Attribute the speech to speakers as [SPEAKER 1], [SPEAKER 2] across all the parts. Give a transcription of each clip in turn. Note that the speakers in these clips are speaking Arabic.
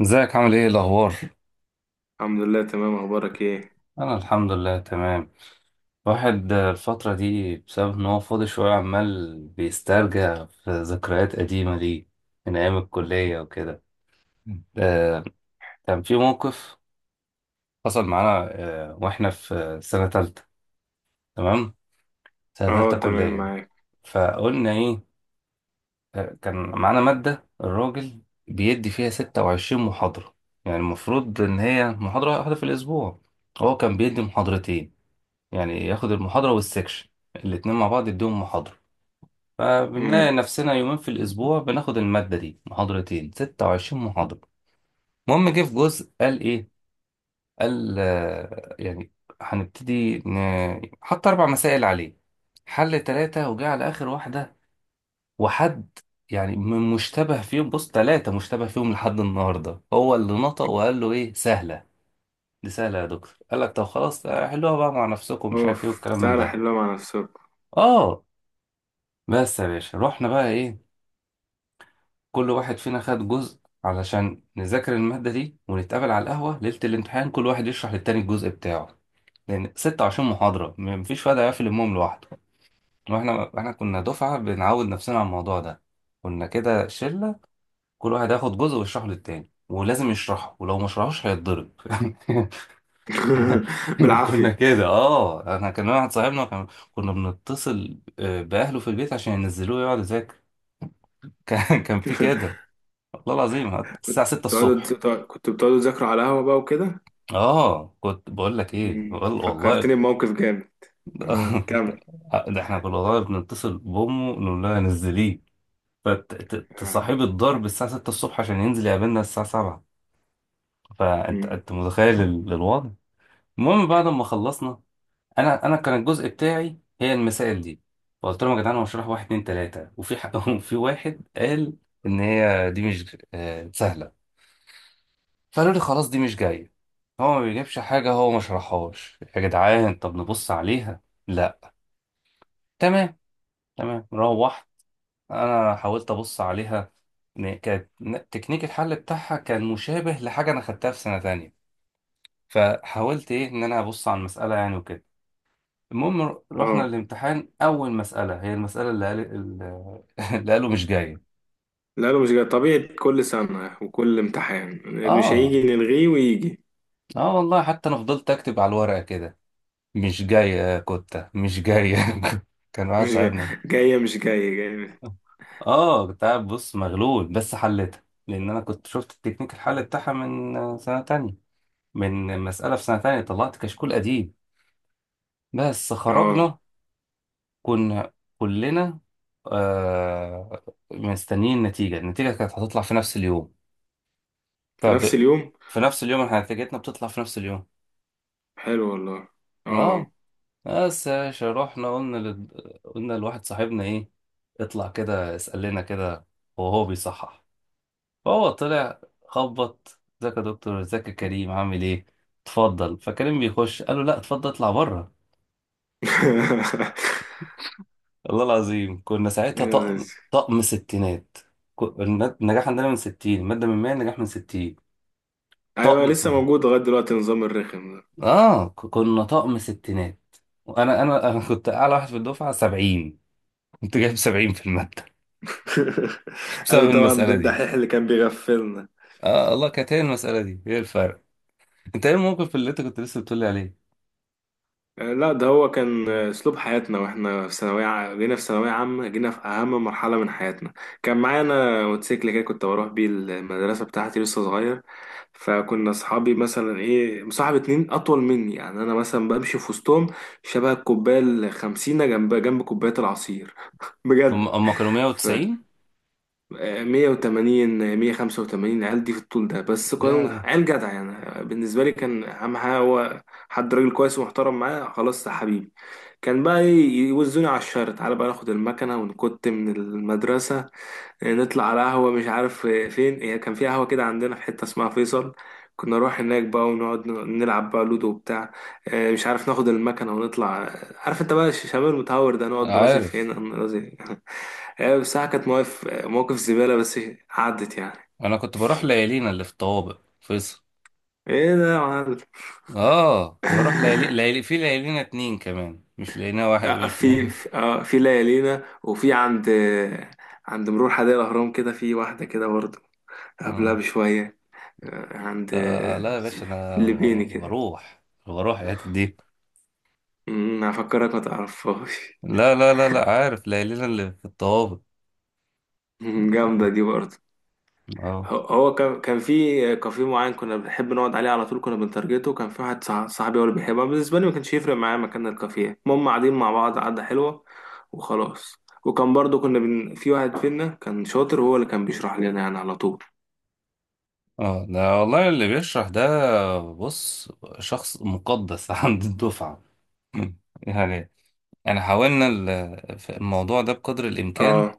[SPEAKER 1] ازيك؟ عامل ايه؟ إيه الاخبار؟
[SPEAKER 2] الحمد لله، تمام. اخبارك ايه؟
[SPEAKER 1] انا الحمد لله تمام. واحد الفتره دي بسبب ان هو فاضي شويه عمال بيسترجع في ذكريات قديمه ليه، من ايام الكليه وكده. آه، كان في موقف حصل معانا، آه، واحنا في سنه تالتة. تمام، سنه
[SPEAKER 2] اهو،
[SPEAKER 1] تالتة
[SPEAKER 2] تمام
[SPEAKER 1] كليه.
[SPEAKER 2] معاك.
[SPEAKER 1] فقلنا ايه؟ كان معانا ماده الراجل بيدي فيها 26 محاضره. يعني المفروض ان هي محاضره واحده في الاسبوع، هو كان بيدي محاضرتين، يعني ياخد المحاضرة والسكشن الاتنين مع بعض يديهم محاضرة.
[SPEAKER 2] امم.
[SPEAKER 1] فبنلاقي نفسنا يومين في الأسبوع بناخد المادة دي محاضرتين، ستة وعشرين محاضرة. المهم جه في جزء قال إيه؟ قال يعني هنبتدي حط أربع مسائل عليه، حل تلاتة وجه على آخر واحدة وحد، يعني من مشتبه فيهم. بص، تلاتة مشتبه فيهم لحد النهاردة هو اللي نطق وقال له إيه سهلة، دي سهلة يا دكتور. قال لك طب خلاص، حلوها بقى مع نفسكم، مش عارف إيه
[SPEAKER 2] اوف،
[SPEAKER 1] والكلام من
[SPEAKER 2] سهلة
[SPEAKER 1] ده.
[SPEAKER 2] حلوة مع نفسكم.
[SPEAKER 1] اه، بس يا باشا رحنا بقى ايه، كل واحد فينا خد جزء علشان نذاكر المادة دي ونتقابل على القهوة ليلة الامتحان، كل واحد يشرح للتاني الجزء بتاعه، لأن 26 محاضرة مفيش واحد هيقفل المهم لوحده. احنا كنا دفعة بنعود نفسنا على الموضوع ده، كنا كده شلة، كل واحد هياخد جزء ويشرحه للتاني، ولازم يشرحه ولو ما شرحوش هيتضرب. احنا كنا
[SPEAKER 2] بالعافية.
[SPEAKER 1] كده. اه، انا كان واحد صاحبنا كنا بنتصل بأهله في البيت عشان ينزلوه يقعد يذاكر. كان في كده، والله العظيم
[SPEAKER 2] كنت
[SPEAKER 1] الساعة 6 الصبح.
[SPEAKER 2] كنت بتقعدوا تذاكروا على قهوة بقى وكده؟
[SPEAKER 1] اه، كنت بقول لك ايه؟ والله والله
[SPEAKER 2] فكرتني بموقف جامد. اه، كمل.
[SPEAKER 1] ده احنا كنا والله بنتصل بامه نقول لها نزليه،
[SPEAKER 2] اه.
[SPEAKER 1] فتصاحب الضرب الساعة 6 الصبح عشان ينزل يقابلنا الساعة 7. فانت
[SPEAKER 2] أمم.
[SPEAKER 1] انت متخيل الوضع. المهم بعد ما خلصنا، انا كان الجزء بتاعي هي المسائل دي. فقلت لهم يا جدعان هو هشرح واحد اتنين تلاتة وفي حق. وفي واحد قال ان هي دي مش سهلة. فقالوا لي خلاص، دي مش جاية، هو ما بيجيبش حاجة، هو ما شرحهاش. يا جدعان طب نبص عليها. لا. تمام. تمام، روحت أنا حاولت أبص عليها، إن كانت تكنيك الحل بتاعها كان مشابه لحاجة أنا خدتها في سنة تانية. فحاولت إيه، إن أنا أبص على المسألة يعني وكده. المهم رحنا
[SPEAKER 2] آه.
[SPEAKER 1] الامتحان، أول مسألة هي المسألة اللي قال اللي قالوا مش جاية.
[SPEAKER 2] لا لا، مش جاي، طبيعي. كل سنة وكل امتحان مش
[SPEAKER 1] آه.
[SPEAKER 2] هيجي نلغيه ويجي.
[SPEAKER 1] آه والله، حتى أنا فضلت أكتب على الورقة كده، مش جاية يا كتة مش جاية. كان
[SPEAKER 2] مش
[SPEAKER 1] واحد
[SPEAKER 2] جاي.
[SPEAKER 1] صاحبنا.
[SPEAKER 2] جاية مش جاية جاية.
[SPEAKER 1] اه، كنت قاعد بص مغلول، بس حلتها لان انا كنت شفت التكنيك الحل بتاعها من سنه تانية، من مساله في سنه تانية طلعت كشكول قديم. بس
[SPEAKER 2] اه.
[SPEAKER 1] خرجنا، كنا كلنا آه مستنيين النتيجه. النتيجه كانت هتطلع في نفس اليوم.
[SPEAKER 2] في نفس
[SPEAKER 1] فب...
[SPEAKER 2] اليوم.
[SPEAKER 1] في نفس اليوم، احنا نتيجتنا بتطلع في نفس اليوم.
[SPEAKER 2] حلو والله. اه.
[SPEAKER 1] اه، بس يا باشا رحنا قلنا لواحد صاحبنا ايه، اطلع كده اسال لنا كده وهو بيصحح. فهو طلع، خبط، ازيك يا دكتور، ازيك يا كريم، عامل ايه، اتفضل. فكريم بيخش، قال له لا اتفضل اطلع بره. والله العظيم كنا ساعتها طقم، طقم ستينات. النجاح عندنا من 60، المادة من 100، النجاح من 60.
[SPEAKER 2] ايوه،
[SPEAKER 1] طقم.
[SPEAKER 2] لسه موجود لغايه دلوقتي نظام الرخم ده.
[SPEAKER 1] اه، كنا طقم ستينات. وانا انا انا كنت اعلى واحد في الدفعة، 70، كنت جايب 70 في المادة.
[SPEAKER 2] انا
[SPEAKER 1] بسبب
[SPEAKER 2] طبعا ده
[SPEAKER 1] المسألة دي.
[SPEAKER 2] الدحيح اللي كان بيغفلنا.
[SPEAKER 1] اه الله كانت هي المسألة دي هي الفرق. انت ايه الموقف اللي انت كنت لسه بتقولي عليه؟
[SPEAKER 2] آه، لا، ده هو كان اسلوب حياتنا واحنا في ثانويه. جينا في ثانويه عامه، جينا في اهم مرحله من حياتنا. كان معانا موتوسيكل كده، كنت بروح بيه المدرسه بتاعتي، لسه صغير. فكنا اصحابي مثلا ايه، مصاحب اتنين اطول مني. يعني انا مثلا بمشي في وسطهم شبه الكوبايه الخمسينه، جنب جنب كوبايه العصير،
[SPEAKER 1] هم
[SPEAKER 2] بجد.
[SPEAKER 1] هم كانوا 190.
[SPEAKER 2] 180، 185 العيال دي في الطول ده، بس كان
[SPEAKER 1] يا
[SPEAKER 2] عيال جدع. يعني بالنسبة لي كان أهم حاجة هو حد راجل كويس ومحترم، معاه خلاص يا حبيبي. كان بقى إيه، يوزوني على الشارع، تعالى بقى ناخد المكنة ونكت من المدرسة. نطلع على قهوة، مش عارف فين هي. كان في قهوة كده عندنا في حتة اسمها فيصل. كنا نروح هناك بقى ونقعد نلعب بقى لودو وبتاع. مش عارف، ناخد المكنة ونطلع. عارف انت بقى الشمال المتهور ده، نقعد نرازي
[SPEAKER 1] عارف
[SPEAKER 2] هنا نرازي. آه، بصراحة كانت مواقف مواقف زبالة، بس عدت يعني.
[SPEAKER 1] انا كنت بروح ليالينا اللي في الطوابق فيصل.
[SPEAKER 2] ايه ده يا معلم؟
[SPEAKER 1] اه، كنت بروح ليالي، ليالي في ليالينا اتنين كمان، مش ليالينا واحد،
[SPEAKER 2] آه،
[SPEAKER 1] مش
[SPEAKER 2] في
[SPEAKER 1] ليالينا.
[SPEAKER 2] في آه، في ليالينا، وفي عند عند مرور حدائق الأهرام، كده في واحدة كده برضه قبلها
[SPEAKER 1] آه.
[SPEAKER 2] بشوية. عند
[SPEAKER 1] آه لا يا باشا،
[SPEAKER 2] الليبيني كده.
[SPEAKER 1] بروح، بروح الحتت دي.
[SPEAKER 2] هفكرك ما تعرفهاش.
[SPEAKER 1] لا لا لا لا، عارف ليالينا اللي في الطوابق.
[SPEAKER 2] جامدة دي برضه.
[SPEAKER 1] اه.
[SPEAKER 2] هو كان في كافيه معين كنا بنحب نقعد عليه على طول، كنا بنترجته. كان في واحد صاحبي، هو اللي بيحبها. بالنسبة لي ما كانش يفرق معايا مكان الكافيه، المهم قاعدين مع بعض قعدة حلوة، وخلاص. وكان برضه في واحد فينا كان شاطر، هو اللي كان بيشرح لنا يعني على طول.
[SPEAKER 1] اه، ده والله اللي بيشرح ده، بص، شخص مقدس عند الدفعة. يعني انا في الموضوع ده بقدر الامكان،
[SPEAKER 2] اه.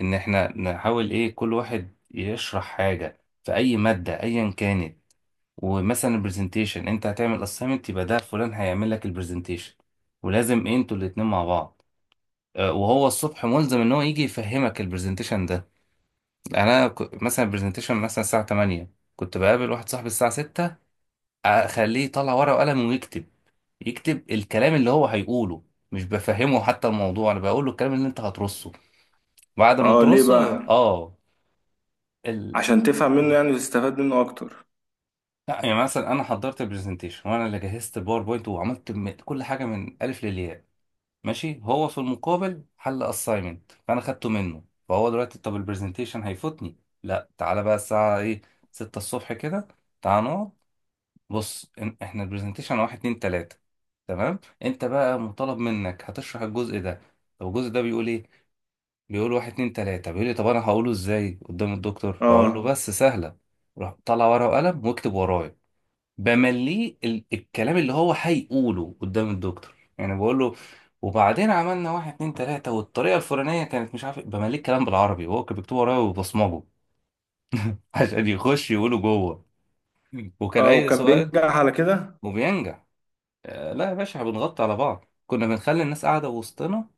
[SPEAKER 1] ان احنا نحاول ايه، كل واحد يشرح حاجة في اي مادة ايا كانت. ومثلا البرزنتيشن، انت هتعمل assignment، يبقى ده فلان هيعمل لك البرزنتيشن، ولازم انتوا الاتنين مع بعض، وهو الصبح ملزم ان هو يجي يفهمك البرزنتيشن ده. يعني انا مثلا البرزنتيشن مثلا الساعة 8، كنت بقابل واحد صاحبي الساعة 6، اخليه يطلع ورقة وقلم ويكتب، يكتب الكلام اللي هو هيقوله. مش بفهمه حتى الموضوع، انا بقول له الكلام اللي انت هترصه، بعد ما
[SPEAKER 2] اه، ليه
[SPEAKER 1] ترصه.
[SPEAKER 2] بقى؟
[SPEAKER 1] اه ال...
[SPEAKER 2] عشان تفهم منه يعني وتستفاد منه اكتر.
[SPEAKER 1] لا يعني مثلا انا حضرت البرزنتيشن وانا اللي جهزت الباوربوينت وعملت كل حاجه من الف للياء، ماشي. هو في المقابل حل اساينمنت فانا خدته منه. فهو دلوقتي، طب البرزنتيشن هيفوتني؟ لا، تعالى بقى الساعه ايه، 6 الصبح كده، تعالى نقعد. بص احنا البرزنتيشن واحد اتنين تلاته، تمام، انت بقى مطالب منك هتشرح الجزء ده. طب الجزء ده بيقول ايه؟ بيقول واحد اتنين تلاته. بيقول لي طب انا هقوله ازاي قدام الدكتور؟ هقول له،
[SPEAKER 2] اه.
[SPEAKER 1] بس سهله، روح طلع ورقه وقلم واكتب ورايا. بمليه الكلام اللي هو هيقوله قدام الدكتور، يعني بقول له وبعدين عملنا واحد اتنين تلاتة والطريقة الفلانية كانت مش عارف إيه". بمليه الكلام بالعربي وهو كان بيكتبه ورايا وبصمجه عشان يخش يقوله جوه. وكان
[SPEAKER 2] اه،
[SPEAKER 1] أي
[SPEAKER 2] وكان
[SPEAKER 1] سؤال،
[SPEAKER 2] بينجح على كده.
[SPEAKER 1] وبينجح. لا يا باشا، إحنا بنغطي على بعض، كنا بنخلي الناس قاعدة وسطنا.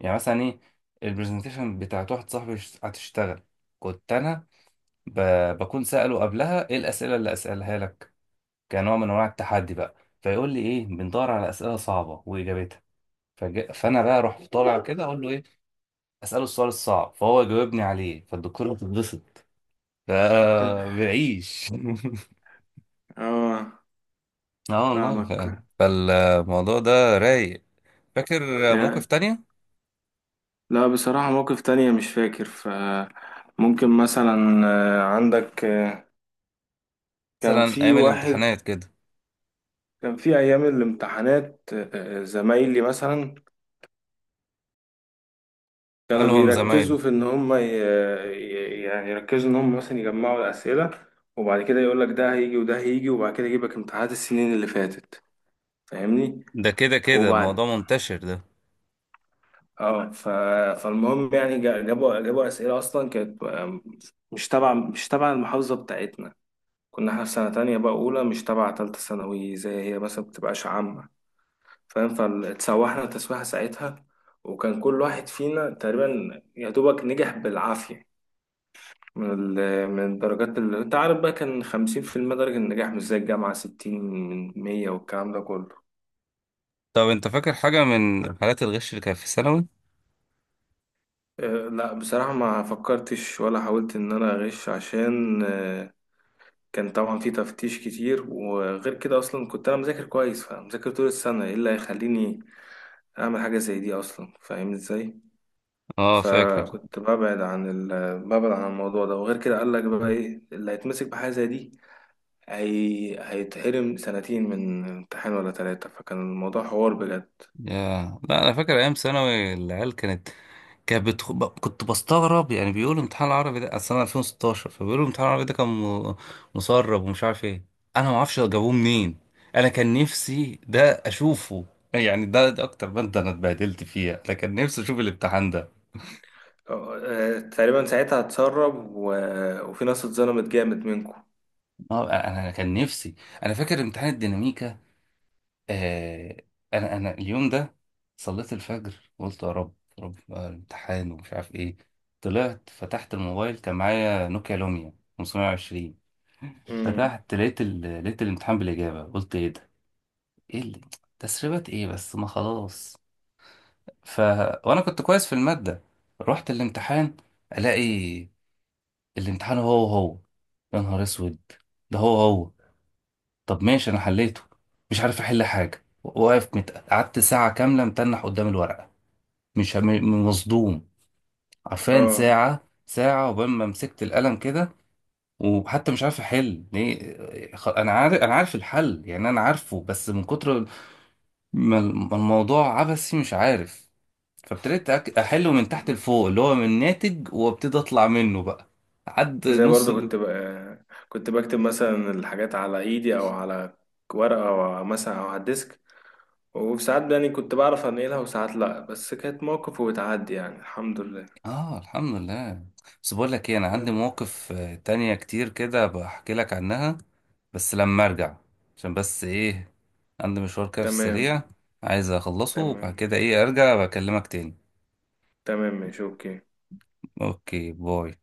[SPEAKER 1] يعني مثلا إيه، البرزنتيشن بتاعت واحد صاحبي هتشتغل، كنت أنا بكون سأله قبلها إيه الأسئلة اللي أسألها لك، كنوع من انواع التحدي بقى. فيقول لي ايه، بندور على اسئله صعبه واجابتها. فانا بقى اروح طالع كده اقول له ايه، اساله السؤال الصعب، فهو يجاوبني عليه، فالدكتوره بتتبسط. ف بنعيش.
[SPEAKER 2] اه،
[SPEAKER 1] اه والله.
[SPEAKER 2] فاهمك.
[SPEAKER 1] فالموضوع ده رايق. فاكر موقف تانية؟
[SPEAKER 2] لا بصراحة، موقف تانية مش فاكر. فممكن مثلا عندك كان
[SPEAKER 1] مثلا
[SPEAKER 2] في
[SPEAKER 1] ايام
[SPEAKER 2] واحد.
[SPEAKER 1] الامتحانات كده.
[SPEAKER 2] كان في أيام الامتحانات، زمايلي مثلا كانوا
[SPEAKER 1] قالهم
[SPEAKER 2] بيركزوا
[SPEAKER 1] زمايله.
[SPEAKER 2] في إن هم يعني يركزوا إن هم مثلا يجمعوا الأسئلة، وبعد كده يقول لك ده هيجي وده هيجي، وبعد كده يجيب لك امتحانات السنين اللي فاتت. فاهمني؟
[SPEAKER 1] ده كده كده
[SPEAKER 2] وبعد.
[SPEAKER 1] موضوع منتشر ده.
[SPEAKER 2] اه. فالمهم يعني جابوا أسئلة أصلا كانت مش تبع المحافظة بتاعتنا. كنا احنا في سنة تانية بقى أولى، مش تبع تالتة ثانوي زي هي مثلا بتبقاش عامة، فاهم؟ فاتسوحنا تسويحة ساعتها، وكان كل واحد فينا تقريبا يا دوبك نجح بالعافية. من من الدرجات اللي انت عارف بقى، كان 50% درجة النجاح، مش زي الجامعة 60 من 100 والكلام ده كله.
[SPEAKER 1] طب انت فاكر حاجه من حالات الغش اللي كانت في ثانوي؟
[SPEAKER 2] اه، لا بصراحة ما فكرتش ولا حاولت إن أنا أغش. عشان كان طبعا في تفتيش كتير، وغير كده أصلا كنت أنا مذاكر كويس. فمذاكر طول السنة، إيه اللي هيخليني اعمل حاجه زي دي اصلا؟ فاهمني ازاي.
[SPEAKER 1] اه فاكر.
[SPEAKER 2] فكنت ببعد عن الموضوع ده. وغير كده، قال لك بقى ايه اللي هيتمسك بحاجه زي دي؟ هيتحرم سنتين من امتحان ولا ثلاثه. فكان الموضوع حوار بجد.
[SPEAKER 1] يا لا، انا فاكر ايام ثانوي العيال كانت، كنت بستغرب يعني، بيقولوا امتحان العربي ده، اصل انا 2016، فبيقولوا امتحان العربي ده كان مسرب ومش عارف ايه. انا ما اعرفش جابوه منين. انا كان نفسي ده اشوفه. يعني ده, ده اكتر ماده انا اتبهدلت فيها، انا كان نفسي اشوف الامتحان ده.
[SPEAKER 2] آه، تقريبا ساعتها اتسرب وفي ناس اتظلمت جامد منكم.
[SPEAKER 1] آه، انا أنا كان نفسي انا فاكر امتحان الديناميكا. آه، انا اليوم ده صليت الفجر، قلت يا رب يا رب بقى الامتحان ومش عارف ايه. طلعت فتحت الموبايل كان معايا نوكيا لوميا 520.
[SPEAKER 2] امم.
[SPEAKER 1] فتحت لقيت لقيت الامتحان بالاجابه. قلت ايه ده، ايه اللي... تسريبات ايه؟ بس ما خلاص. ف وانا كنت كويس في الماده، رحت الامتحان، الاقي الامتحان هو هو. يا نهار اسود، ده هو هو. طب ماشي انا حليته، مش عارف احل حاجه، واقف قعدت ساعه كامله متنح قدام الورقه، مش هم- مصدوم. عارفين
[SPEAKER 2] اه.
[SPEAKER 1] ساعة، ساعة عقبال ما مسكت القلم كده، وحتى مش عارف احل ليه. انا عارف الحل، يعني انا عارفه، بس من كتر ما الموضوع عبثي مش عارف. احله من تحت
[SPEAKER 2] مم.
[SPEAKER 1] لفوق، اللي هو من ناتج، وابتدي اطلع منه بقى، عد
[SPEAKER 2] زي
[SPEAKER 1] نص.
[SPEAKER 2] برضو كنت بكتب مثلا الحاجات على ايدي، او على ورقه، او مثلا او على الديسك. وساعات يعني كنت بعرف انقلها وساعات لا، بس كانت موقف وبتعدي يعني، الحمد لله.
[SPEAKER 1] اه الحمد لله. بس بقول لك ايه، انا عندي
[SPEAKER 2] يا.
[SPEAKER 1] مواقف تانية كتير كده بحكي لك عنها، بس لما ارجع، عشان بس ايه، عندي مشوار كده في
[SPEAKER 2] تمام.
[SPEAKER 1] السريع عايز اخلصه،
[SPEAKER 2] تمام
[SPEAKER 1] وبعد كده ايه
[SPEAKER 2] ماشي.
[SPEAKER 1] ارجع بكلمك تاني.
[SPEAKER 2] تمام ماشي، اوكي.
[SPEAKER 1] اوكي، باي.